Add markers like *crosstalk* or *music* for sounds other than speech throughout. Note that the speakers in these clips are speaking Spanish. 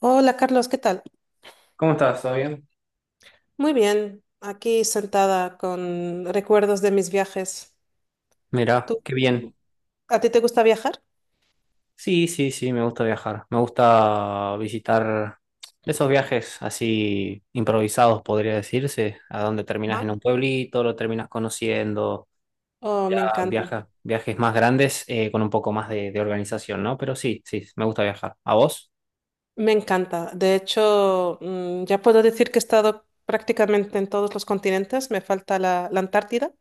Hola Carlos, ¿qué tal? ¿Cómo estás? ¿Todo bien? Muy bien, aquí sentada con recuerdos de mis viajes. Mirá, ¿Tú, qué bien. ¿A ti te gusta viajar? Sí, sí, sí, me gusta viajar. Me gusta visitar esos viajes así improvisados, podría decirse, a donde terminas Ajá. en un pueblito, lo terminas conociendo, Oh, ya me encanta. viajas, viajes más grandes con un poco más de organización, ¿no? Pero sí, sí, me gusta viajar. ¿A vos? Me encanta. De hecho, ya puedo decir que he estado prácticamente en todos los continentes. Me falta la Antártida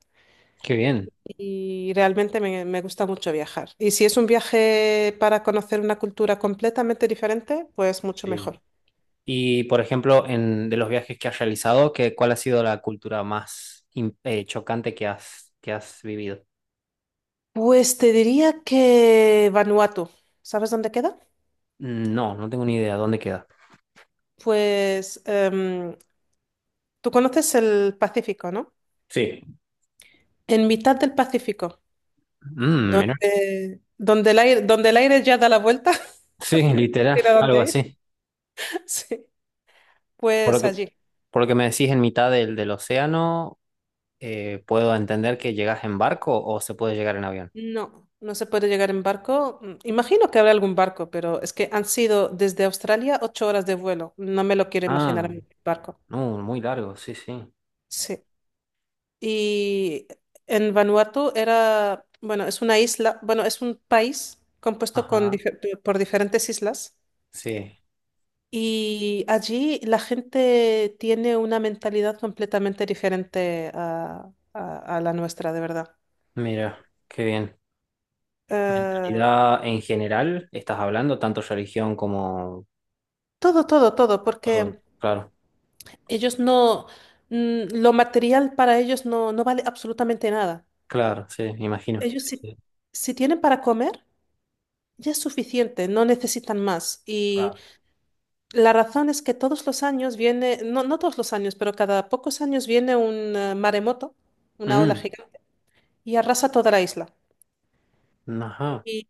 Qué bien. y realmente me gusta mucho viajar. Y si es un viaje para conocer una cultura completamente diferente, pues mucho Sí. mejor. Y, por ejemplo, de los viajes que has realizado, ¿qué, cuál ha sido la cultura más chocante que que has vivido? Pues te diría que Vanuatu. ¿Sabes dónde queda? Mm, no, no tengo ni idea. ¿Dónde queda? Pues tú conoces el Pacífico, ¿no? Sí. En mitad del Pacífico, Mm, mira. donde el aire ya da la vuelta, *laughs* Sí, porque no literal, tiene a algo dónde ir. así. Sí, Por lo pues que, allí. por lo que me decís en mitad del océano, puedo entender que llegas en barco o se puede llegar en avión. No, no se puede llegar en barco. Imagino que habrá algún barco, pero es que han sido desde Australia 8 horas de vuelo. No me lo quiero imaginar Ah, en un barco. no, muy largo, sí, sí. Sí. Y en Vanuatu era, bueno, es una isla, bueno, es un país compuesto Ajá, por diferentes islas. sí. Y allí la gente tiene una mentalidad completamente diferente a la nuestra, de verdad. Mira, qué bien. Eh, Mentalidad en general, estás hablando, tanto religión como Todo, todo, todo, porque todo. Claro, ellos no, mm, lo material para ellos no vale absolutamente nada. claro, sí, me imagino. Ellos Sí, si, sí, si tienen para comer, ya es suficiente, no necesitan más. Y claro. la razón es que todos los años viene, no, no todos los años, pero cada pocos años viene un maremoto, una ola Mm, gigante, y arrasa toda la isla. ajá. Y,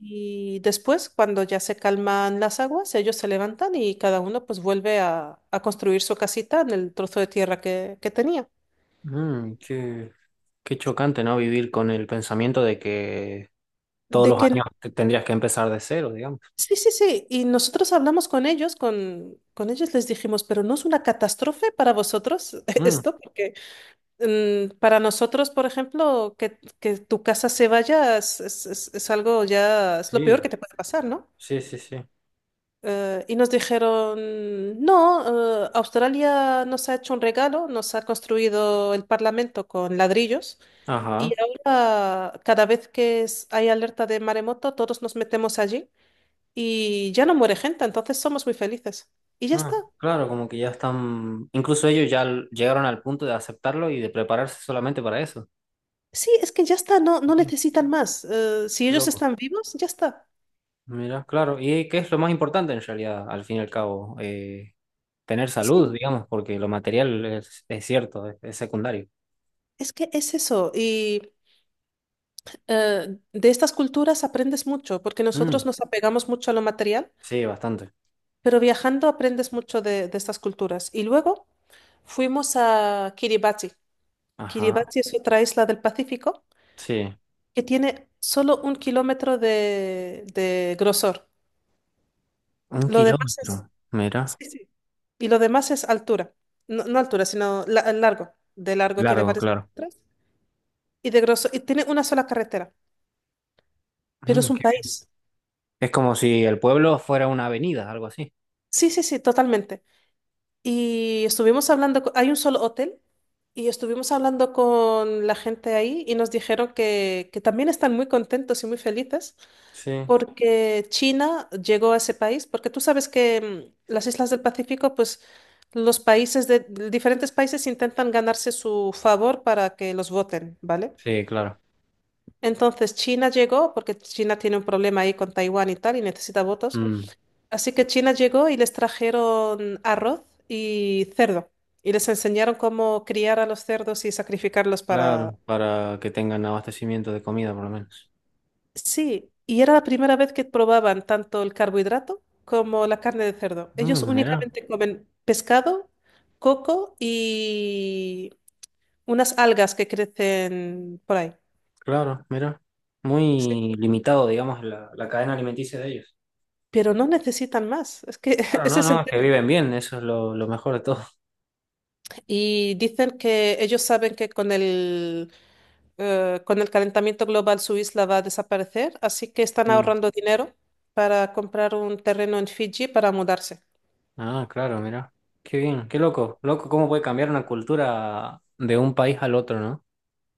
y después, cuando ya se calman las aguas, ellos se levantan y cada uno pues vuelve a construir su casita en el trozo de tierra que tenía. Mm, qué, qué chocante, ¿no? Vivir con el pensamiento de que todos De los que, años tendrías que empezar de cero, digamos. sí, sí, sí, y nosotros hablamos con ellos, con ellos les dijimos, pero no es una catástrofe para vosotros *laughs* Mm, esto, porque para nosotros, por ejemplo, que tu casa se vaya es algo ya, es lo peor que sí, te puede pasar, ¿no? sí, sí, sí. Y nos dijeron, no, Australia nos ha hecho un regalo, nos ha construido el Parlamento con ladrillos y Ajá. ahora cada vez que hay alerta de maremoto, todos nos metemos allí y ya no muere gente, entonces somos muy felices. Y ya está. Ah, claro, como que ya están, incluso ellos ya llegaron al punto de aceptarlo y de prepararse solamente para eso. Sí, es que ya está, no, no Mira, necesitan más. Si qué ellos loco. están vivos, ya está. Mira, claro. ¿Y qué es lo más importante en realidad, al fin y al cabo? Tener salud, Sí, digamos, porque lo material es cierto, es secundario. es que es eso. Y de estas culturas aprendes mucho, porque nosotros Mm, nos apegamos mucho a lo material. sí, bastante. Pero viajando aprendes mucho de estas culturas. Y luego fuimos a Kiribati. Ajá, Kiribati es otra isla del Pacífico sí. que tiene solo 1 kilómetro de grosor. Un Lo demás es. kilómetro, mira. Sí, sí. Y lo demás es altura. No, no altura, sino largo. De largo tiene Largo, varios claro. kilómetros y de grosor. Y tiene una sola carretera. Pero Mm, es un qué bien. país. Es como si el pueblo fuera una avenida, algo así. Sí, sí, sí, totalmente. Y estuvimos hablando, hay un solo hotel, y estuvimos hablando con la gente ahí y nos dijeron que también están muy contentos y muy felices Sí, porque China llegó a ese país, porque tú sabes que las islas del Pacífico, pues los países de diferentes países intentan ganarse su favor para que los voten, ¿vale? sí, claro. Entonces China llegó porque China tiene un problema ahí con Taiwán y tal y necesita votos. Mm, Así que China llegó y les trajeron arroz y cerdo. Y les enseñaron cómo criar a los cerdos y sacrificarlos para. claro, para que tengan abastecimiento de comida por lo menos. Sí, y era la primera vez que probaban tanto el carbohidrato como la carne de cerdo. Ellos Mm, mira, únicamente comen pescado, coco y unas algas que crecen por ahí. claro, mira. Sí. Muy limitado, digamos, la cadena alimenticia de ellos. Pero no necesitan más. Es que *laughs* Claro, ese no, es no, el es que tema. viven bien, eso es lo mejor de todo. *laughs* Y dicen que ellos saben que con el calentamiento global su isla va a desaparecer, así que están Mm. ahorrando dinero para comprar un terreno en Fiji para mudarse. Ah, claro, mira. Qué bien, qué loco. Loco, cómo puede cambiar una cultura de un país al otro, ¿no?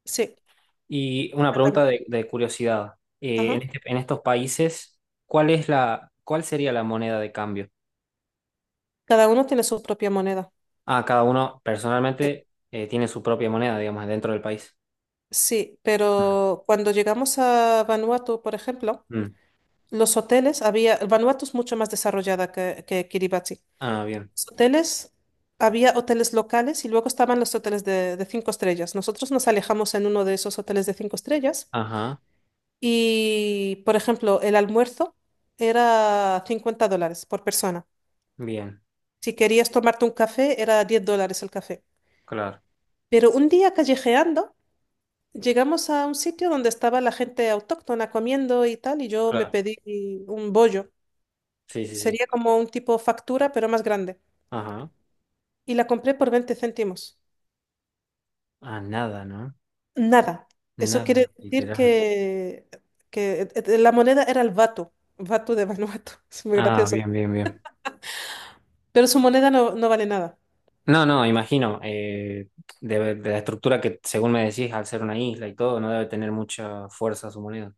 Sí, Y una pregunta completamente. De curiosidad. Ajá. En estos países, ¿cuál es la, cuál sería la moneda de cambio? Cada uno tiene su propia moneda. Ah, cada uno Sí, personalmente tiene su propia moneda, digamos, dentro del país. sí, Mm. pero cuando llegamos a Vanuatu, por ejemplo, Mm. los hoteles había, Vanuatu es mucho más desarrollada que Kiribati. Ah, bien. Los hoteles, había hoteles locales y luego estaban los hoteles de cinco estrellas. Nosotros nos alejamos en uno de esos hoteles de cinco estrellas. Ajá, Y, por ejemplo, el almuerzo era $50 por persona. bien. Si querías tomarte un café, era $10 el café. Claro, Pero un día callejeando, llegamos a un sitio donde estaba la gente autóctona comiendo y tal, y yo me claro. pedí un bollo. Sí, sí, sí. Sería como un tipo factura, pero más grande. Ajá. Y la compré por 20 céntimos. Ah, nada, ¿no? Nada. Eso Nada, quiere decir literal. que la moneda era el vato, vato de Vanuatu. *laughs* Es muy Ah, gracioso. bien, bien, bien. Pero su moneda no, no vale nada. No, no, imagino. La estructura que, según me decís, al ser una isla y todo, no debe tener mucha fuerza su moneda.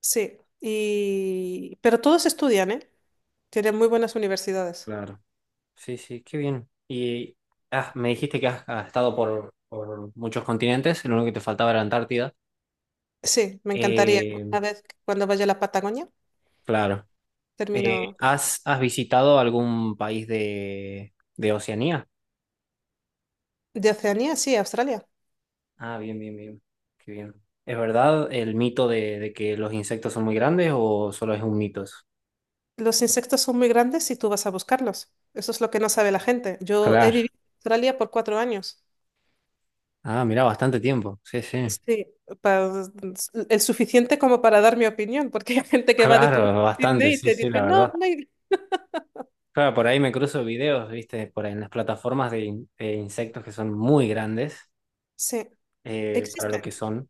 Sí, pero todos estudian, ¿eh? Tienen muy buenas universidades. Claro. Sí, sí, qué bien. Me dijiste que has estado por muchos continentes, lo único que te faltaba era Antártida. Sí, me encantaría. Eh, Una vez cuando vaya a la Patagonia, claro. Eh, termino. ¿has, has visitado algún país de Oceanía? De Oceanía, sí, Australia. Ah, bien, bien, bien. Qué bien. ¿Es verdad el mito de que los insectos son muy grandes o solo es un mito eso? Los insectos son muy grandes y tú vas a buscarlos. Eso es lo que no sabe la gente. Yo he Claro. vivido en Australia por 4 años. Ah, mira, bastante tiempo. Sí, sí. Sí, pa- el suficiente como para dar mi opinión, porque *laughs* hay gente que va de turista Claro, a bastante, Sydney y sí, te sí, dice, la no, verdad. no hay-". Claro, por ahí me cruzo videos, viste, por ahí en las plataformas de insectos que son muy grandes Sí, para lo que existen. son.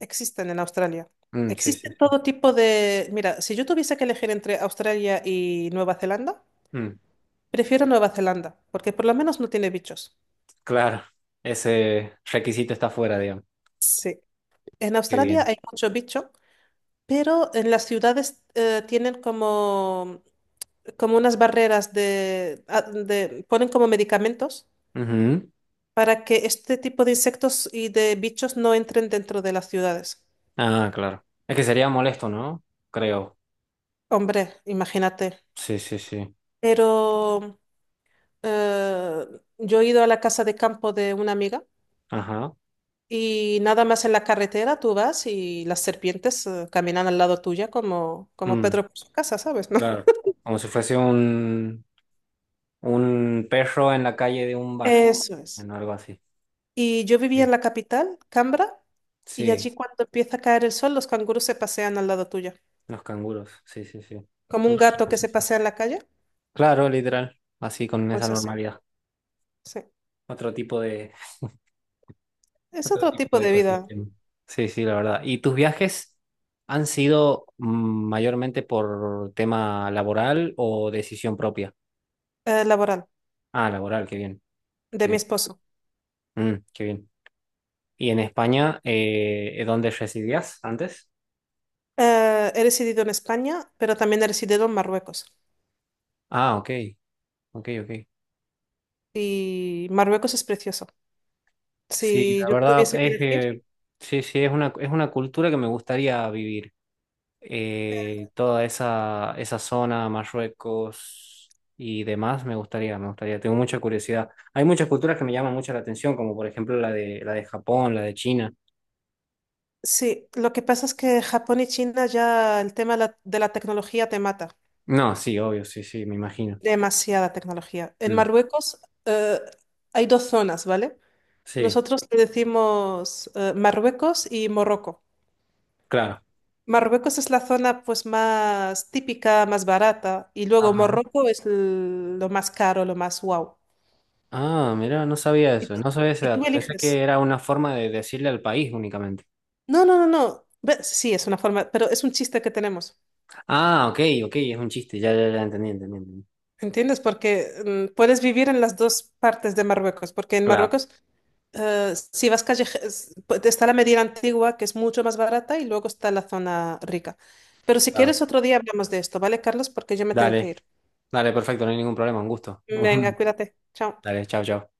Existen en Australia. Mm, sí, sí. Existen todo tipo de. Mira, si yo tuviese que elegir entre Australia y Nueva Zelanda, Mm, prefiero Nueva Zelanda, porque por lo menos no tiene bichos. claro, ese requisito está fuera, digamos. Sí. En Qué Australia bien. hay mucho bicho, pero en las ciudades tienen como unas barreras ponen como medicamentos Ujú. para que este tipo de insectos y de bichos no entren dentro de las ciudades. Ah, claro. Es que sería molesto, ¿no? Creo. Hombre, imagínate. Sí, sí, sí. Pero. Eh, yo he ido a la casa de campo de una amiga Ajá. y nada más en la carretera tú vas y las serpientes caminan al lado tuya como Mm, Pedro por su casa, ¿sabes? ¿No? claro. Como si fuese un perro en la calle de un *laughs* barrio, Eso es. bueno, algo así. Y yo vivía en Sí. la capital, Canberra, y Sí, allí cuando empieza a caer el sol, los canguros se pasean al lado tuyo. los canguros. Sí, sí, sí. Como un Imagino, gato que sí, se sí. pasea en la calle, Claro, literal. Así con esa pues así, normalidad. sí. Otro tipo de, *laughs* Es otro otro tipo tipo de de vida. ecosistema. Sí, sí, la verdad. ¿Y tus viajes han sido mayormente por tema laboral o decisión propia? Laboral Ah, laboral, qué bien. de mi esposo. Mm, qué bien. ¿Y en España, dónde residías antes? He residido en España, pero también he residido en Marruecos. Ah, ok, ok, ok. Y Marruecos es precioso. Sí, Si la yo verdad tuviese que es elegir, que sí, sí, es una cultura que me gustaría vivir. Toda esa zona, Marruecos y demás, me gustaría, me gustaría. Tengo mucha curiosidad. Hay muchas culturas que me llaman mucho la atención, como por ejemplo la de Japón, la de China. sí, lo que pasa es que Japón y China ya el tema de la tecnología te mata, No, sí, obvio, sí, sí, me imagino. demasiada tecnología. En Mm, Marruecos eh, hay dos zonas, ¿vale? sí, Nosotros le decimos Marruecos y Morroco. claro. Marruecos es la zona pues más típica, más barata, y luego Ajá. Morroco es lo más caro, lo más wow. Ah, mira, no sabía Y eso, tú, no sabía ese y tú dato. Pensé eliges. que era una forma de decirle al país únicamente. No, no, no, no. Sí, es una forma, pero es un chiste que tenemos. Ah, ok, ok, es un chiste, ya, ya, ya entendí, entendí, entendí. ¿Entiendes? Porque puedes vivir en las dos partes de Marruecos, porque en Claro, Marruecos, si vas calle, está la Medina Antigua, que es mucho más barata, y luego está la zona rica. Pero si claro. quieres, otro día hablamos de esto, ¿vale, Carlos? Porque yo me tengo que Dale, ir. dale, perfecto, no hay ningún problema, un gusto. Venga, *laughs* cuídate. Chao. Dale, chao, chao.